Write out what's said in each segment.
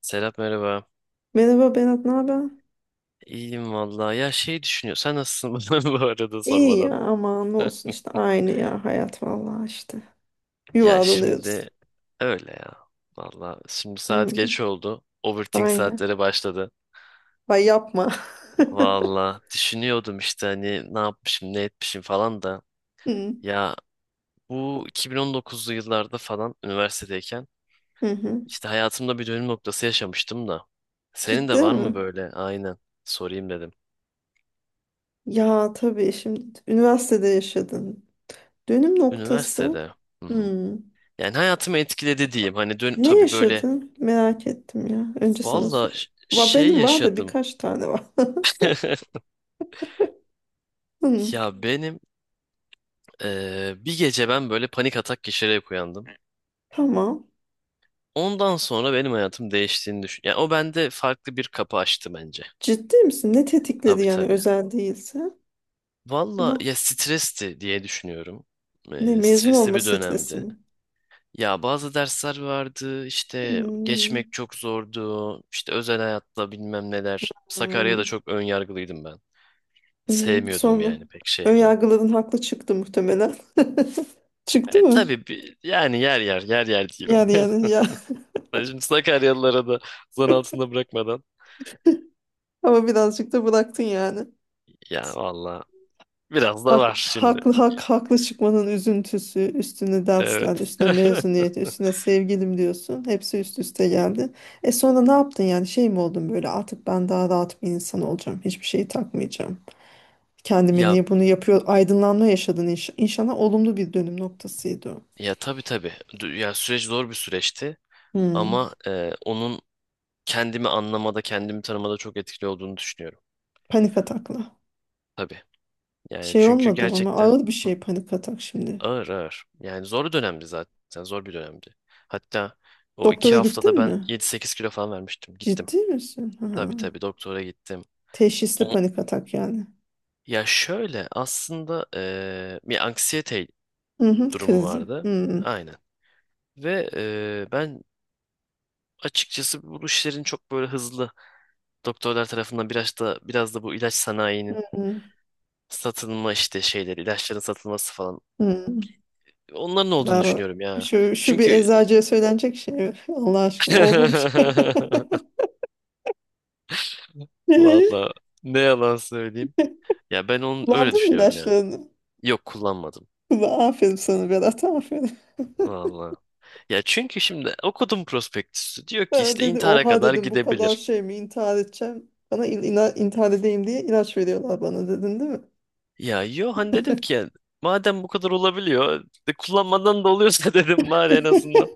Serap merhaba. Merhaba Berat, ne haber? İyiyim vallahi. Ya şey düşünüyor. Sen nasılsın bana bu arada İyi ya sormadan? aman ne olsun işte aynı ya hayat vallahi işte. Ya Yuvarlanıyoruz. şimdi öyle ya. Vallahi şimdi saat Hı, geç oldu. Overthink aynen. saatleri başladı. Ay yapma. Vallahi düşünüyordum işte hani ne yapmışım ne etmişim falan da. Hı, Ya bu 2019'lu yıllarda falan üniversitedeyken hı hı. işte hayatımda bir dönüm noktası yaşamıştım da. Senin de Ciddi var mi? mı böyle? Aynen. Sorayım dedim. Ya tabii şimdi üniversitede yaşadın. Dönüm noktası. Üniversitede. Hı hı. Hı. Yani hayatımı etkiledi diyeyim. Hani dön Ne tabii böyle. yaşadın? Merak ettim ya. Önce sana sor. Valla şey Benim var da yaşadım. birkaç tane var. Hı, Ya benim bir gece ben böyle panik atak geçirerek uyandım. tamam. Ondan sonra benim hayatım değiştiğini düşün. Yani o bende farklı bir kapı açtı bence. Ciddi misin? Ne tetikledi Tabii yani tabii. özel değilse? Valla No. ya stresti diye düşünüyorum. Ne mezun Stresli olma bir stresi dönemdi. mi? Ya bazı dersler vardı, işte Hmm, geçmek çok zordu. İşte özel hayatla bilmem neler. Sakarya'da Hmm. çok ön yargılıydım ben. Sevmiyordum Sonra yani pek şehri. önyargıların haklı çıktı muhtemelen. Çıktı E, mı? tabii yani yer yer yer yer diyeyim. Yani ya. Ben şimdi Sakaryalılara da zan altında bırakmadan. Ama birazcık da bıraktın yani. Ya valla biraz da Hak, var şimdi. haklı hak haklı çıkmanın üzüntüsü, üstüne dersler, Evet. üstüne mezuniyet, üstüne sevgilim diyorsun. Hepsi üst üste geldi. E sonra ne yaptın yani? Şey mi oldun böyle, artık ben daha rahat bir insan olacağım. Hiçbir şeyi takmayacağım. Kendime Ya niye bunu yapıyor? Aydınlanma yaşadın, inşallah olumlu bir dönüm noktasıydı o. ya tabii tabii. Ya süreç zor bir süreçti, Hmm, ama onun kendimi anlamada, kendimi tanımada çok etkili olduğunu düşünüyorum. Panik atakla. Tabii. Yani Şey çünkü olmadım ama gerçekten ağır bir Hı, şey panik atak şimdi. ağır ağır. Yani zor bir dönemdi zaten. Zor bir dönemdi. Hatta o iki Doktora haftada gittin ben mi? 7-8 kilo falan vermiştim. Gittim. Ciddi misin? Ha. Tabii tabii doktora gittim. Teşhisli panik atak yani. Ya şöyle aslında bir anksiyete Hı hı, durumu krizi. vardı. Hı Aynen. Ve ben açıkçası bu işlerin çok böyle hızlı doktorlar tarafından biraz da bu ilaç sanayinin hı, satılma işte şeyleri, ilaçların satılması falan hı. onların olduğunu Bravo. düşünüyorum ya. Şu bir Çünkü eczacıya söylenecek şey. Allah aşkına oldu bir şey. Ee, valla ne yalan söyleyeyim. Ya ben onu öyle Kullandın mı düşünüyorum ya. ilaçlarını? Yok kullanmadım. Ulan, aferin sana Berat, aferin. Valla. Ya çünkü şimdi okudum prospektüsü. Diyor ki Ben işte dedi, intihara oha kadar dedim, bu kadar gidebilir. şey mi, intihar edeceğim. Bana intihar edeyim diye ilaç veriyorlar bana dedin değil mi? Ya yo hani dedim ki yani, madem bu kadar olabiliyor de kullanmadan da oluyorsa dedim bari en azından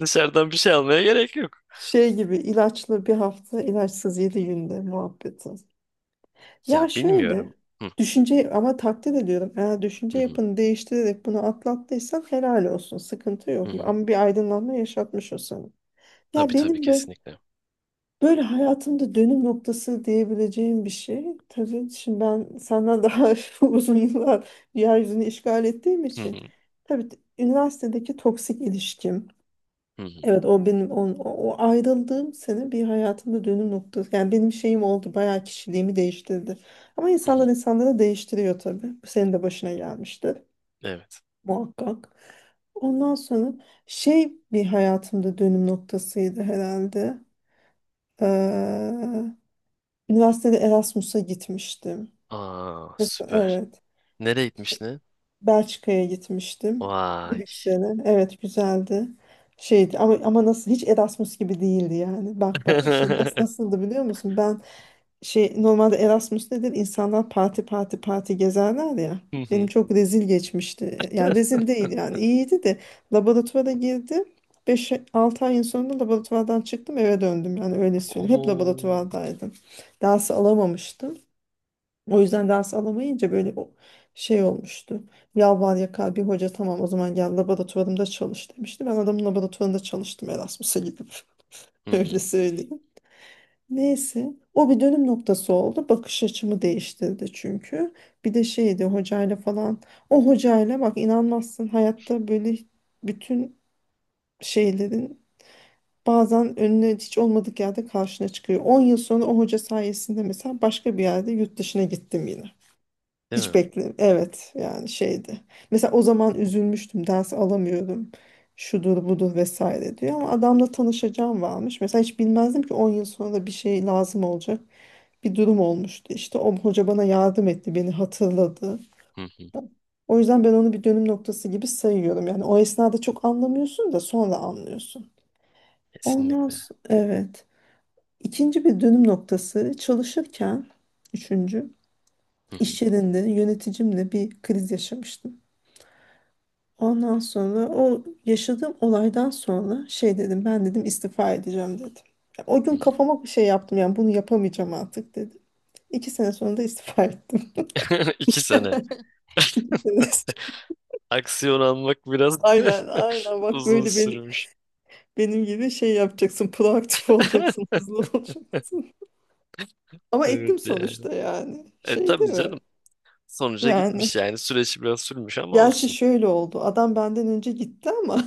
dışarıdan bir şey almaya gerek yok. Şey gibi, ilaçlı bir hafta, ilaçsız 7 günde muhabbeti. Ya Ya şöyle, bilmiyorum. Hı düşünce ama takdir ediyorum. Eğer düşünce hı, hı yapını değiştirerek bunu atlattıysan helal olsun. Sıkıntı hı, yok. hı. Ama bir aydınlanma yaşatmış o sana. Ya Tabii tabii benim böyle, kesinlikle. Hayatımda dönüm noktası diyebileceğim bir şey. Tabii şimdi ben senden daha uzun yıllar yeryüzünü işgal ettiğim Hı hı, için. Tabii üniversitedeki toksik ilişkim. hı hı, Evet, o benim o ayrıldığım sene bir hayatımda dönüm noktası. Yani benim şeyim oldu, bayağı kişiliğimi değiştirdi. Ama hı, insanlar hı. insanları değiştiriyor tabii. Bu senin de başına gelmiştir Evet. muhakkak. Ondan sonra şey bir hayatımda dönüm noktasıydı herhalde. Ee, üniversitede Erasmus'a gitmiştim. Aa, Mesela süper. evet. Nereye gitmiş ne? Belçika'ya gitmiştim. Vay. Brüksel'e. Evet, güzeldi. Şeydi ama nasıl hiç Erasmus gibi değildi yani. Bak bak, işte nasıl nasıldı biliyor musun? Ben şey, normalde Erasmus nedir? İnsanlar parti parti parti gezerler ya. Hı Benim hı. çok rezil geçmişti. Yani rezil değil, yani iyiydi de, laboratuvara girdim. Beş 6 ayın sonunda laboratuvardan çıktım, eve döndüm, yani öyle söyleyeyim. Hep Oo. laboratuvardaydım. Dersi alamamıştım. O yüzden ders alamayınca böyle o şey olmuştu. Yalvar yakar bir hoca, tamam o zaman gel laboratuvarımda çalış demişti. Ben adamın laboratuvarında çalıştım Erasmus'a gidip, Hı hı. öyle söyleyeyim. Neyse o bir dönüm noktası oldu. Bakış açımı değiştirdi çünkü. Bir de şeydi hocayla falan. O hocayla, bak, inanmazsın, hayatta böyle bütün şeylerin bazen önüne, hiç olmadık yerde karşına çıkıyor. 10 yıl sonra o hoca sayesinde mesela başka bir yerde yurt dışına gittim yine. Değil Hiç mi? bekle. Evet, yani şeydi. Mesela o zaman üzülmüştüm. Ders alamıyorum. Şudur budur vesaire diyor. Ama adamla tanışacağım varmış. Mesela hiç bilmezdim ki 10 yıl sonra da bir şey lazım olacak. Bir durum olmuştu. İşte o hoca bana yardım etti. Beni hatırladı. Hı hı. O yüzden ben onu bir dönüm noktası gibi sayıyorum. Yani o esnada çok anlamıyorsun da sonra anlıyorsun. Ondan Kesinlikle. sonra, evet. İkinci bir dönüm noktası çalışırken, üçüncü, Hı hı, iş yerinde yöneticimle bir kriz yaşamıştım. Ondan sonra o yaşadığım olaydan sonra şey dedim, ben dedim istifa edeceğim dedim. Ya o hı gün hı. kafama bir şey yaptım, yani bunu yapamayacağım artık dedim. 2 sene sonra da istifa ettim. İki İki sene sene. sonra- Aksiyon almak biraz Aynen aynen, bak, uzun böyle benim, sürmüş. Gibi şey yapacaksın, proaktif olacaksın, hızlı olacaksın. Ama Evet ettim yani. sonuçta, yani E şey değil tabii mi? canım. Sonuca Yani gitmiş yani. Süreç biraz sürmüş ama gerçi olsun. şöyle oldu, adam benden önce gitti ama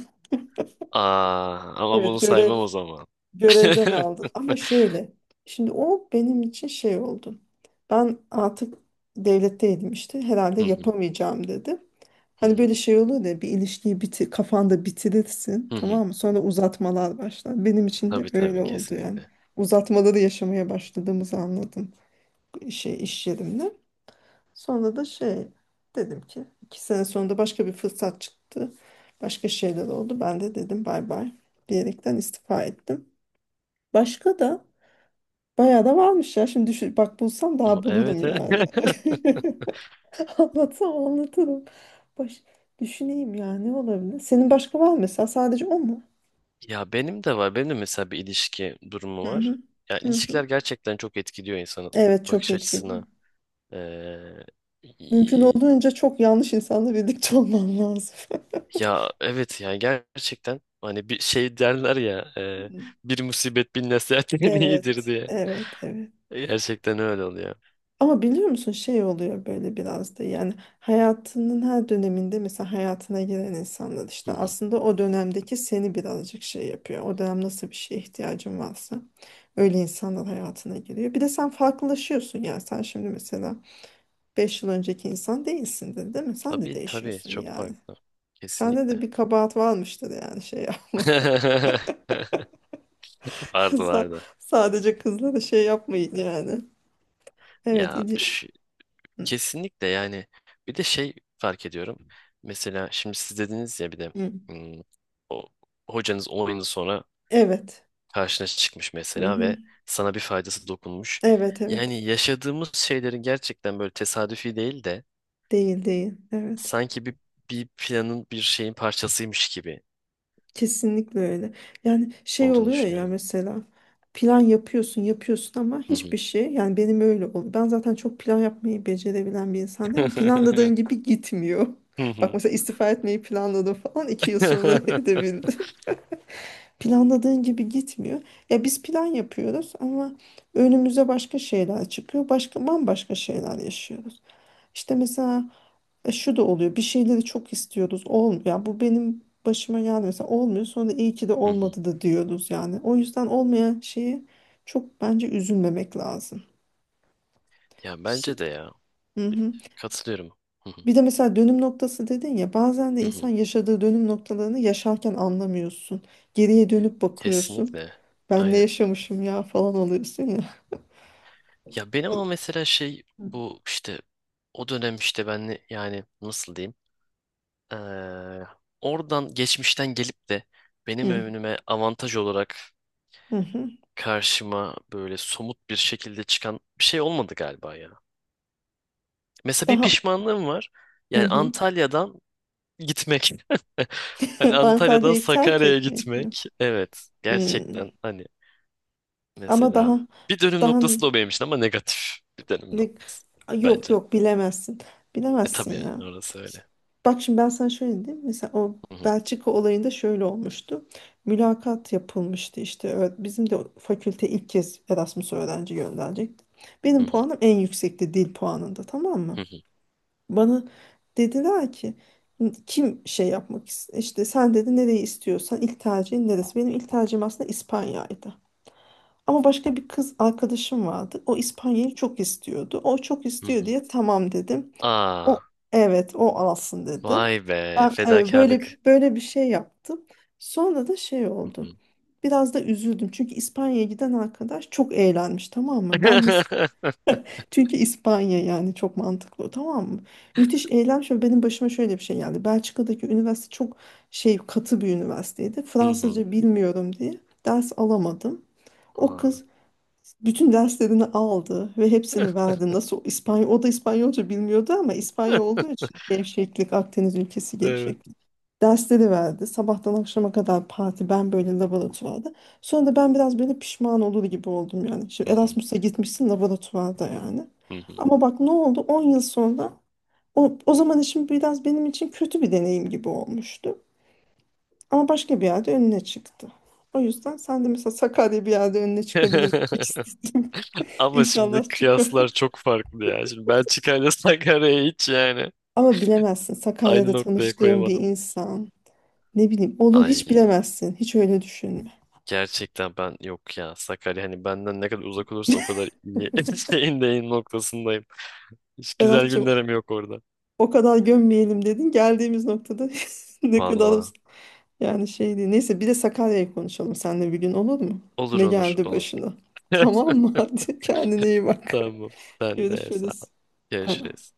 Aa, ama bunu evet, saymam o zaman. görevden aldı. Ama şöyle. Şimdi o benim için şey oldu. Ben artık devletteydim işte. Herhalde Hı hı, yapamayacağım dedim. hı Hani hı, böyle şey olur ya, bir ilişkiyi bitir, kafanda bitirirsin hı hı. tamam mı? Sonra uzatmalar başlar. Benim için de Tabii tabii öyle oldu yani. kesinlikle. Uzatmaları yaşamaya başladığımızı anladım şey, iş yerimde. Sonra da şey dedim ki, 2 sene sonra başka bir fırsat çıktı. Başka şeyler oldu. Ben de dedim bay bay diyerekten istifa ettim. Başka da Bayağı da varmış ya. Şimdi düşün, bak bulsam O, daha bulurum evet evet. yani. Anlatsam anlatırım. Baş, düşüneyim ya, ne olabilir? Senin başka var mı mesela? Sadece o mu? Ya benim de var. Benim de mesela bir ilişki durumu Hı var. hı. Ya Hı hı. ilişkiler gerçekten çok etkiliyor insanın Evet, çok bakış etkili. açısına. Ee, Mümkün y- olduğunca çok yanlış insanla birlikte olman lazım. Ya evet ya, gerçekten hani bir şey derler ya, bir musibet bin nasihat iyidir Evet, diye. evet, evet. Gerçekten öyle oluyor. Ama biliyor musun şey oluyor böyle biraz da, yani hayatının her döneminde mesela hayatına giren insanlar işte Hı hı. aslında o dönemdeki seni birazcık şey yapıyor. O dönem nasıl bir şeye ihtiyacın varsa öyle insanlar hayatına giriyor. Bir de sen farklılaşıyorsun, yani sen şimdi mesela 5 yıl önceki insan değilsin, değilsindir, değil mi? Sen de Tabii tabii değişiyorsun çok yani. farklı. Sende de Kesinlikle. bir kabahat varmıştır yani, şey yapma. Vardı Sa- vardı. Sadece kızlara şey yapmayın yani. Evet. Ya Hı, kesinlikle yani bir de şey fark ediyorum. Mesela şimdi siz dediniz ya bir de, hı. hmm, o hocanız 10 yıl sonra Evet. karşına çıkmış Hı mesela, hı. ve sana bir faydası dokunmuş. Evet, evet. Yani yaşadığımız şeylerin gerçekten böyle tesadüfi değil de Değil değil. Evet. sanki bir planın bir şeyin parçasıymış gibi Kesinlikle öyle. Yani şey olduğunu oluyor ya düşünüyorum. mesela, plan yapıyorsun yapıyorsun ama hiçbir şey, yani benim öyle oldu. Ben zaten çok plan yapmayı becerebilen bir insan değilim ama planladığın gibi gitmiyor. Hı Bak hı. mesela istifa etmeyi planladım falan, 2 yıl sonra edebildim. Planladığın gibi gitmiyor. Ya biz plan yapıyoruz ama önümüze başka şeyler çıkıyor. Başka bambaşka şeyler yaşıyoruz. İşte mesela şu da oluyor. Bir şeyleri çok istiyoruz. Olmuyor. Yani bu benim başıma geldi mesela, olmuyor. Sonra iyi ki de Hı hı. olmadı da diyoruz yani. O yüzden olmayan şeyi çok, bence üzülmemek lazım. Ya bence Şi- de ya. hı hı. Katılıyorum. Hı hı, Bir de mesela dönüm noktası dedin ya, bazen de hı insan hı. yaşadığı dönüm noktalarını yaşarken anlamıyorsun. Geriye dönüp bakıyorsun. Kesinlikle. Ben ne Aynen. yaşamışım ya, falan oluyorsun ya. Ya benim ama mesela şey, bu işte o dönem işte ben yani nasıl diyeyim? Eee, Oradan geçmişten gelip de benim Hı önüme avantaj olarak hı. Hı. karşıma böyle somut bir şekilde çıkan bir şey olmadı galiba ya. Mesela bir Daha, pişmanlığım var. hı Yani hı. Antalya'dan gitmek. Hani Antalya'dan Antalya'yı terk Sakarya'ya etmek mi? gitmek. Evet. Hı. Gerçekten hani Ama mesela daha bir dönüm daha noktası da o benim için, ama negatif bir dönüm Ne- noktası yok bence. yok, bilemezsin. E tabii Bilemezsin ya. yani orası öyle. Bak şimdi ben sana şöyle diyeyim. Mesela o Hı hı, Belçika olayında şöyle olmuştu. Mülakat yapılmıştı işte. Evet, bizim de fakülte ilk kez Erasmus öğrenci gönderecekti. hı Benim hı, puanım en yüksekti dil puanında, tamam mı? hı hı, Bana dediler ki, kim şey yapmak istiyor? İşte, sen dedi, nereyi istiyorsan, ilk tercihin neresi? Benim ilk tercihim aslında İspanya'ydı. Ama başka bir kız arkadaşım vardı. O İspanya'yı çok istiyordu. O çok hı istiyor hı. diye tamam dedim. O, Aa, evet, o alsın dedim. vay be, Ben evet, böyle fedakarlık. böyle bir şey yaptım. Sonra da şey Hı hı. oldu. Biraz da üzüldüm. Çünkü İspanya'ya giden arkadaş çok eğlenmiş, tamam mı? Çünkü İspanya, yani çok mantıklı, tamam mı? Müthiş eğlenmiş ve benim başıma şöyle bir şey geldi. Belçika'daki üniversite çok şey, katı bir üniversiteydi. Hı hı. Fransızca bilmiyorum diye ders alamadım. O Aa. kız bütün derslerini aldı ve hepsini verdi. Nasıl İspanyol, o da İspanyolca bilmiyordu ama İspanyol olduğu için gevşeklik, Akdeniz ülkesi Evet. gevşeklik. Dersleri verdi. Sabahtan akşama kadar parti, ben böyle laboratuvarda. Sonra da ben biraz böyle pişman olur gibi oldum yani. Hı Şimdi hı, Erasmus'a gitmişsin, laboratuvarda yani. hı hı. Ama bak ne oldu? 10 yıl sonra o zaman işim biraz benim için kötü bir deneyim gibi olmuştu. Ama başka bir yerde önüne çıktı. O yüzden sen de mesela, Sakarya bir yerde önüne çıkabilir. Ama şimdi İnşallah çıkar. kıyaslar çok farklı ya. Şimdi Belçika ile Sakarya'yı hiç yani Ama bilemezsin. aynı Sakarya'da noktaya tanıştığım bir koyamadım. insan. Ne bileyim, olur, hiç Ay. bilemezsin. Hiç öyle düşünme. Gerçekten ben yok ya, Sakarya hani benden ne kadar uzak olursa o kadar iyi şeyin deyin noktasındayım. Hiç güzel Berat'cığım, günlerim yok orada. o kadar gömmeyelim dedin. Geldiğimiz noktada ne kadar, Valla. yani şey değil. Neyse, bir de Sakarya'yı konuşalım seninle bir gün, olur mu? Olur Ne olur geldi olur. başına? Tamam mı? Hadi kendine iyi bak. Tamam. Sen de sağ ol. Görüşürüz. Bay bay. Görüşürüz.